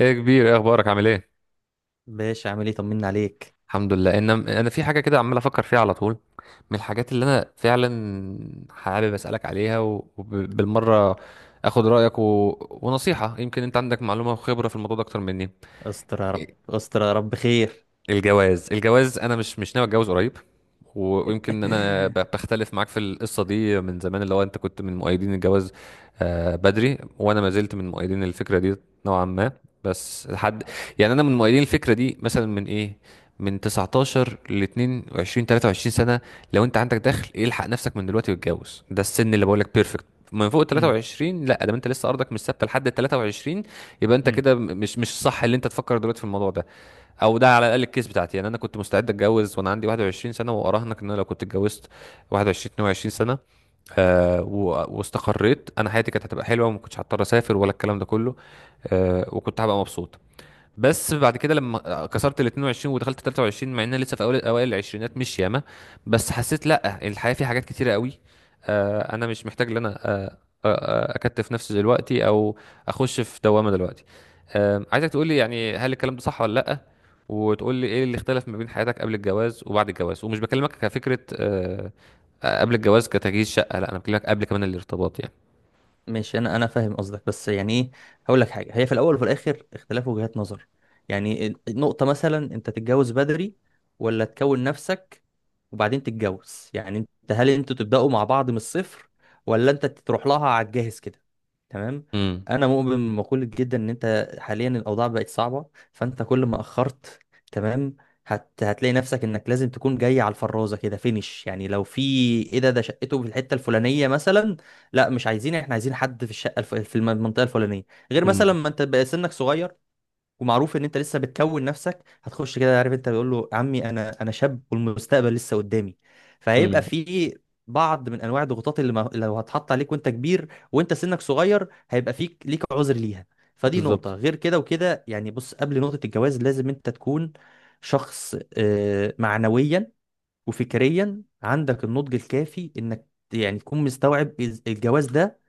ايه يا كبير، ايه اخبارك؟ عامل ايه؟ باشا عامل ايه؟ طمنا عليك. الحمد لله، ان انا في حاجه كده عمال افكر فيها على طول. من الحاجات اللي انا فعلا حابب اسالك عليها وبالمره اخد رايك ونصيحه، يمكن انت عندك معلومه وخبره في الموضوع ده اكتر مني. استر يا رب، استر يا رب خير. الجواز، الجواز، انا مش ناوي اتجوز قريب. ويمكن انا بختلف معاك في القصه دي من زمان، اللي هو انت كنت من مؤيدين الجواز. آه، بدري. وانا ما زلت من مؤيدين الفكره دي نوعا ما، بس لحد. يعني انا من مؤيدين الفكره دي مثلا من ايه، من 19 ل 22 23 سنه. لو انت عندك دخل الحق نفسك من دلوقتي واتجوز، ده السن اللي بقول لك بيرفكت. من فوق ال 23 لا، ده انت لسه ارضك مش ثابته لحد ال 23. يبقى انت امم. كده مش الصح اللي انت تفكر دلوقتي في الموضوع ده. او ده على الاقل الكيس بتاعتي. يعني انا كنت مستعد اتجوز وانا عندي 21 سنه، واراهنك ان انا لو كنت اتجوزت 21 22 سنه، واستقريت، انا حياتي كانت هتبقى حلوه وما كنتش هضطر اسافر ولا الكلام ده كله. وكنت هبقى مبسوط. بس بعد كده لما كسرت ال 22 ودخلت 23، مع ان أنا لسه في اول اوائل العشرينات مش ياما، بس حسيت لا، الحياه فيها حاجات كتيره قوي. انا مش محتاج ان انا اكتف نفسي دلوقتي، او اخش في دوامه دلوقتي. عايزك تقول لي، يعني هل الكلام ده صح ولا لا؟ وتقول لي ايه اللي اختلف ما بين حياتك قبل الجواز وبعد الجواز، ومش بكلمك كفكره قبل الجواز كتجهيز شقه، لا، انا بكلمك قبل كمان الارتباط يعني. ماشي، انا فاهم قصدك، بس يعني ايه؟ هقول لك حاجه، هي في الاول وفي الاخر اختلاف وجهات نظر. يعني النقطه مثلا انت تتجوز بدري، ولا تكون نفسك وبعدين تتجوز؟ يعني انت، هل انتوا تبداوا مع بعض من الصفر، ولا انت تروح لها على الجاهز كده؟ تمام. امم. انا مؤمن بمقوله جدا ان انت حاليا الاوضاع بقت صعبه، فانت كل ما اخرت، تمام، هتلاقي نفسك انك لازم تكون جاي على الفرازه كده فينش. يعني لو في ايه، ده شقته في الحته الفلانيه مثلا، لا مش عايزين، احنا عايزين حد في الشقه المنطقه الفلانيه. غير مثلا مم. ما انت بقى سنك صغير، ومعروف ان انت لسه بتكون نفسك. هتخش كده، عارف، انت بيقول له عمي، انا شاب والمستقبل لسه قدامي، فهيبقى امم. في بعض من انواع الضغوطات اللي ما... لو هتحط عليك وانت كبير وانت سنك صغير هيبقى فيك ليك عذر ليها. فدي نقطه، بالظبط. غير كده وكده، يعني بص، قبل نقطه الجواز لازم انت تكون شخص، معنويا وفكريا عندك النضج الكافي، انك يعني تكون مستوعب الجواز ده.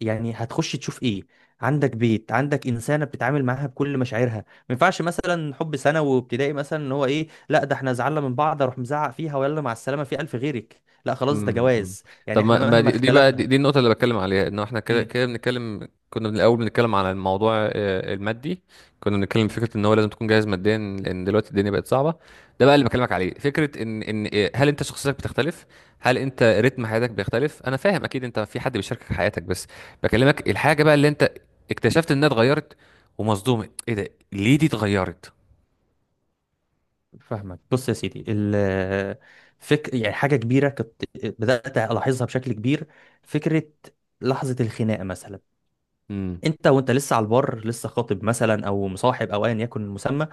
يعني هتخش تشوف ايه؟ عندك بيت، عندك انسانه بتتعامل معاها بكل مشاعرها، ما ينفعش مثلا حب ثانوي وابتدائي، مثلا ان هو ايه، لا ده احنا زعلنا من بعض اروح مزعق فيها ويلا مع السلامه في الف غيرك، لا خلاص ده امم. أمم. جواز، يعني طب، احنا ما مهما دي بقى اختلفنا. دي النقطة اللي بتكلم عليها، انه احنا كده امم. كده بنتكلم، كنا من الاول بنتكلم على الموضوع المادي. كنا بنتكلم في فكرة ان هو لازم تكون جاهز ماديا، لان دلوقتي الدنيا بقت صعبة. ده بقى اللي بكلمك عليه، فكرة ان هل انت شخصيتك بتختلف؟ هل انت رتم حياتك بيختلف؟ انا فاهم اكيد انت في حد بيشاركك حياتك، بس بكلمك الحاجة بقى اللي انت اكتشفت انها اتغيرت ومصدوم ايه ده، ليه دي اتغيرت. فاهمك. بص يا سيدي، يعني حاجه كبيره كنت بدات الاحظها بشكل كبير. فكره لحظه الخناقه مثلا، امم. انت وانت لسه على البر، لسه خاطب مثلا او مصاحب او ايا يكن المسمى،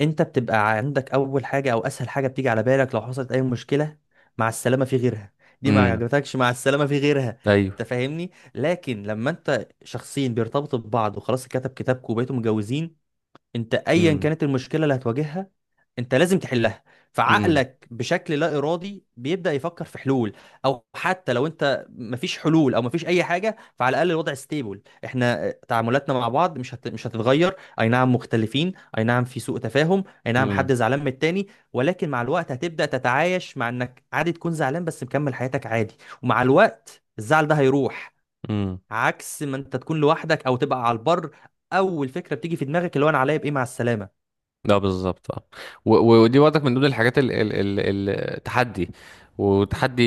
انت بتبقى عندك اول حاجه او اسهل حاجه بتيجي على بالك لو حصلت اي مشكله، مع السلامه في غيرها، دي ما امم. عجبتكش، مع السلامه في غيرها، انت ايوه. فاهمني. لكن لما انت شخصين بيرتبطوا ببعض وخلاص كتب كتابكم وبقيتوا متجوزين، انت ايا امم. كانت المشكله اللي هتواجهها، انت لازم تحلها، امم. فعقلك بشكل لا ارادي بيبدا يفكر في حلول. او حتى لو انت مفيش حلول او مفيش اي حاجه، فعلى الاقل الوضع ستيبل، احنا تعاملاتنا مع بعض مش هتتغير. اي نعم مختلفين، اي نعم في سوء تفاهم، اي نعم حد زعلان من التاني، ولكن مع الوقت هتبدا تتعايش مع انك عادي تكون زعلان بس مكمل حياتك عادي، ومع الوقت الزعل ده هيروح. امم. عكس ما انت تكون لوحدك او تبقى على البر، اول فكره بتيجي في دماغك اللي هو انا عليا بايه، مع السلامه. ده بالظبط، اه. ودي برضك من ضمن الحاجات ال التحدي. وتحدي،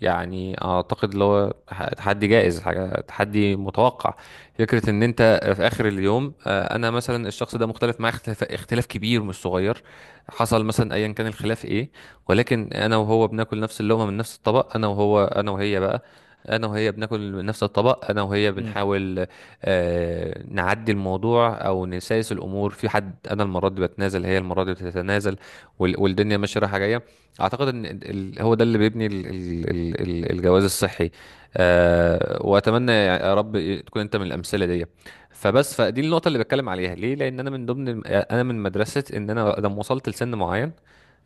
يعني اعتقد اللي هو تحدي جائز، حاجه تحدي متوقع. فكره ان انت في اخر اليوم، انا مثلا الشخص ده مختلف معاه اختلاف كبير مش صغير. حصل مثلا ايا كان الخلاف ايه، ولكن انا وهو بناكل نفس اللقمه من نفس الطبق، انا وهي بقى. انا وهي بناكل من نفس الطبق، انا وهي امم. بنحاول نعدي الموضوع او نسايس الامور، في حد. انا المره دي بتنازل، هي المره دي بتتنازل. والدنيا ماشيه رايحه جايه. اعتقد ان هو ده اللي بيبني الجواز الصحي. واتمنى يا رب تكون انت من الامثله دي. فبس، فدي النقطه اللي بتكلم عليها ليه، لان انا من مدرسه ان انا لما وصلت لسن معين،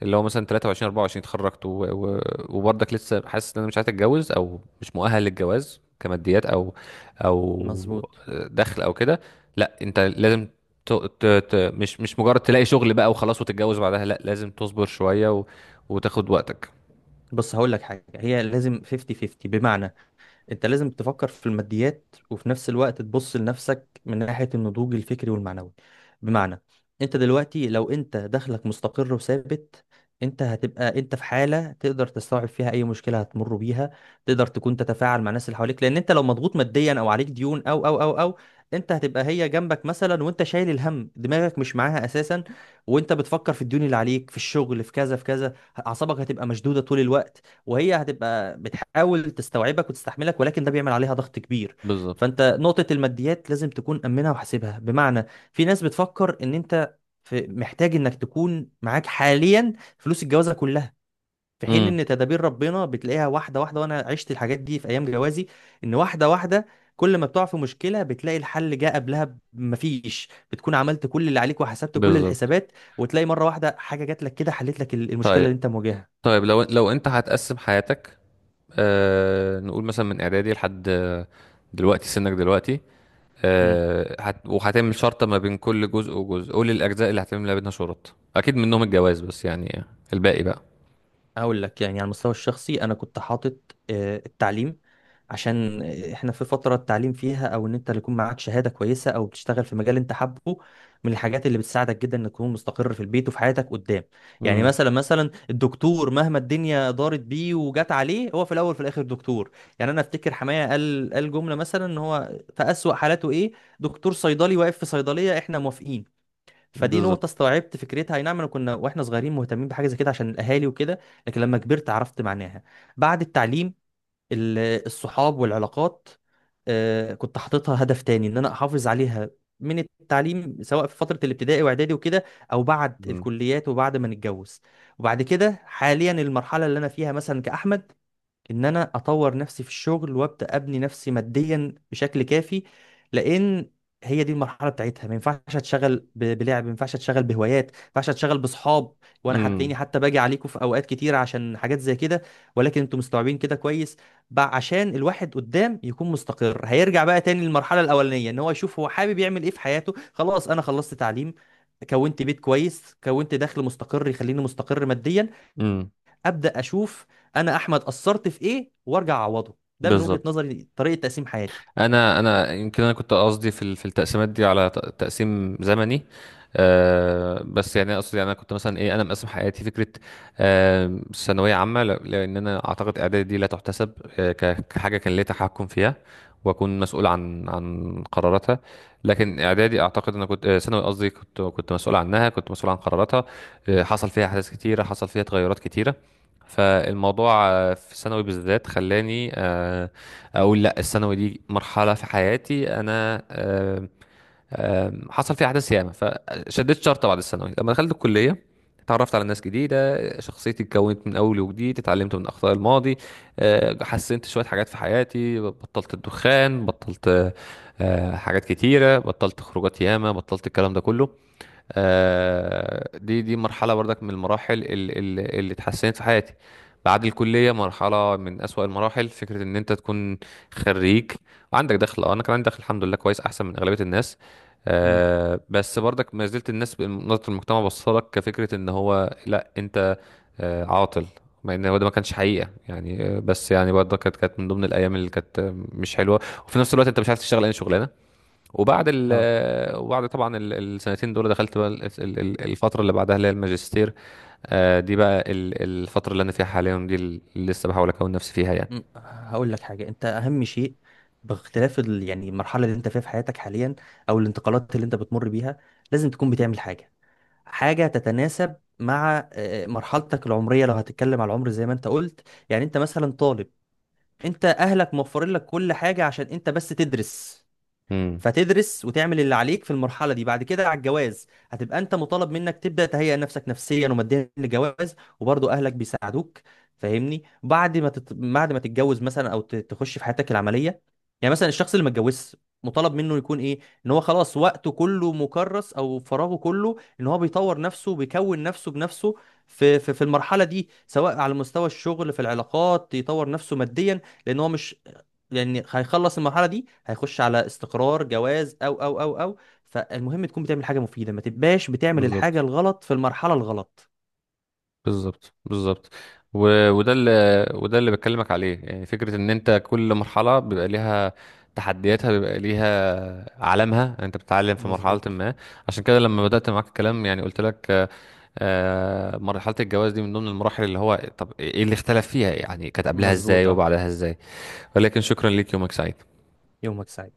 اللي هو مثلا 23 24، اتخرجت وبرضك لسه حاسس ان انا مش عايز اتجوز، او مش مؤهل للجواز كماديات، او مظبوط. دخل او كده. لا، انت لازم ت... مش مجرد تلاقي شغل بقى وخلاص وتتجوز بعدها، لا، لازم تصبر شوية وتاخد وقتك. بص هقول لك حاجه، هي لازم 50 50، بمعنى انت لازم تفكر في الماديات وفي نفس الوقت تبص لنفسك من ناحية النضوج الفكري والمعنوي. بمعنى، انت دلوقتي لو انت دخلك مستقر وثابت، انت هتبقى انت في حالة تقدر تستوعب فيها اي مشكلة هتمر بيها. تقدر تكون تتفاعل مع الناس اللي حواليك، لان انت لو مضغوط ماديا او عليك ديون او، انت هتبقى هي جنبك مثلا وانت شايل الهم دماغك مش معاها اساسا، وانت بتفكر في الديون اللي عليك في الشغل، في كذا في كذا، اعصابك هتبقى مشدودة طول الوقت. وهي هتبقى بتحاول تستوعبك وتستحملك، ولكن ده بيعمل عليها ضغط كبير. بالظبط. فانت نقطة الماديات لازم تكون أمنها وحاسبها. بمعنى، في ناس بتفكر ان انت في محتاج انك تكون معاك حاليا فلوس الجوازة كلها، في حين امم. ان تدابير ربنا بتلاقيها واحدة واحدة. وانا عشت الحاجات دي في ايام جوازي، ان واحدة واحدة كل ما بتقع في مشكلة بتلاقي الحل جه قبلها، مفيش، بتكون عملت كل اللي عليك وحسبت كل بالظبط. الحسابات، وتلاقي مرة واحدة حاجة جات لك كده حلت لك المشكلة طيب، اللي انت مواجهها. طيب، لو انت هتقسم حياتك، نقول مثلا من اعدادي لحد دلوقتي، سنك دلوقتي. إمم. وهتعمل شرطة ما بين كل جزء وجزء. قول الاجزاء اللي هتعمل ما بينها شروط، اكيد منهم الجواز بس يعني الباقي بقى. هقول لك يعني على المستوى الشخصي، انا كنت حاطط التعليم. عشان احنا في فترة التعليم فيها، او ان انت اللي يكون معاك شهادة كويسة او بتشتغل في مجال انت حابه، من الحاجات اللي بتساعدك جدا انك تكون مستقر في البيت وفي حياتك قدام. يعني امم. مثلا الدكتور مهما الدنيا دارت بيه وجت عليه، هو في الاول وفي الاخر دكتور. يعني انا افتكر حماية قال جملة مثلا ان هو في اسوأ حالاته ايه، دكتور صيدلي واقف في صيدلية، احنا موافقين. فدي نقطة بالظبط. استوعبت فكرتها، اي نعم انا كنا واحنا صغيرين مهتمين بحاجة زي كده عشان الاهالي وكده، لكن لما كبرت عرفت معناها. بعد التعليم، ال- الصحاب والعلاقات، كنت حاططها هدف تاني ان انا احافظ عليها، من التعليم سواء في فترة الابتدائي واعدادي وكده، او بعد امم. الكليات وبعد ما نتجوز. وبعد كده حاليا المرحلة اللي انا فيها مثلا كأحمد، ان انا اطور نفسي في الشغل وابدا ابني نفسي ماديا بشكل كافي، لان هي دي المرحله بتاعتها، ما ينفعش اتشغل بلعب، ما ينفعش اتشغل بهوايات، ما ينفعش اتشغل باصحاب. وانا هتلاقيني حتى باجي عليكم في اوقات كتير عشان حاجات زي كده، ولكن انتم مستوعبين كده كويس. بقى عشان الواحد قدام يكون مستقر، هيرجع بقى تاني للمرحله الاولانيه، ان هو يشوف هو حابب يعمل ايه في حياته. خلاص، انا خلصت تعليم، كونت بيت كويس، كونت دخل مستقر يخليني مستقر ماديا، امم. ابدا اشوف انا احمد قصرت في ايه وارجع اعوضه. ده من وجهة بالظبط. نظري طريقة تقسيم حياتي. انا يمكن انا كنت قصدي في في التقسيمات دي على تقسيم زمني. بس يعني اقصد، يعني انا كنت مثلا ايه، انا مقسم حياتي فكره ثانويه عامه، لان انا اعتقد اعدادي دي لا تحتسب كحاجه كان ليا تحكم فيها، واكون مسؤول عن قراراتها. لكن اعدادي، اعتقد انا كنت ثانوي قصدي، كنت مسؤول عنها، كنت مسؤول عن قراراتها. حصل فيها احداث كتيره، حصل فيها تغيرات كتيره. فالموضوع في ثانوي بالذات خلاني اقول لا، الثانوي دي مرحله في حياتي انا. آم، آم، حصل فيها احداث ياما. فشديت شرطه بعد الثانوي لما دخلت الكليه، اتعرفت على ناس جديده، شخصيتي اتكونت من اول وجديد، اتعلمت من اخطاء الماضي. حسنت شويه حاجات في حياتي، بطلت الدخان، بطلت حاجات كتيره، بطلت خروجات ياما، بطلت الكلام ده كله. دي مرحلة برضك من المراحل اللي اتحسنت في حياتي. بعد الكلية، مرحلة من أسوأ المراحل. فكرة إن أنت تكون خريج وعندك دخل، أنا كان عندي دخل الحمد لله كويس، أحسن من أغلبية الناس. امم. بس برضك ما زلت الناس نظرة المجتمع بصلك كفكرة إن هو لأ، أنت عاطل. مع إن هو ده ما كانش حقيقة يعني. بس يعني برضك كانت من ضمن الأيام اللي كانت مش حلوة. وفي نفس الوقت أنت مش عارف تشتغل أي شغلانة. اه. وبعد طبعا السنتين دول دخلت بقى الفترة اللي بعدها اللي هي الماجستير. دي بقى الفترة اللي أنا فيها حاليا دي، اللي لسه بحاول أكون نفسي فيها يعني. مم. هقول لك حاجة، انت اهم شيء باختلاف يعني المرحلة اللي انت فيها في حياتك حاليا، او الانتقالات اللي انت بتمر بيها، لازم تكون بتعمل حاجة، حاجة تتناسب مع مرحلتك العمرية. لو هتتكلم على العمر زي ما انت قلت، يعني انت مثلا طالب، انت اهلك موفرين لك كل حاجة عشان انت بس تدرس، امم. فتدرس وتعمل اللي عليك في المرحله دي. بعد كده على الجواز هتبقى انت مطالب منك تبدا تهيئ نفسك نفسيا وماديا للجواز، وبرضه اهلك بيساعدوك، فاهمني. بعد ما تتجوز مثلا، او تخش في حياتك العمليه، يعني مثلا الشخص اللي ما اتجوزش، مطالب منه يكون ايه؟ ان هو خلاص وقته كله مكرس، او فراغه كله ان هو بيطور نفسه، بيكون نفسه بنفسه في المرحله دي، سواء على مستوى الشغل في العلاقات، يطور نفسه ماديا. لان هو مش، لان هيخلص المرحله دي هيخش على استقرار جواز او. فالمهم تكون بتعمل حاجه مفيده، ما تبقاش بتعمل الحاجه بالظبط. الغلط في المرحله الغلط. بالظبط. بالظبط. و... وده اللي وده اللي بكلمك عليه، يعني فكرة إن أنت كل مرحلة بيبقى ليها تحدياتها، بيبقى ليها عالمها، أنت بتتعلم في مرحلة مظبوط. ما. عشان كده لما بدأت معاك الكلام يعني قلت لك مرحلة الجواز دي من ضمن المراحل، اللي هو طب ايه اللي اختلف فيها؟ يعني كانت قبلها مظبوط ازاي اه. وبعدها ازاي؟ ولكن شكرا ليك، يومك سعيد. يومك سعيد.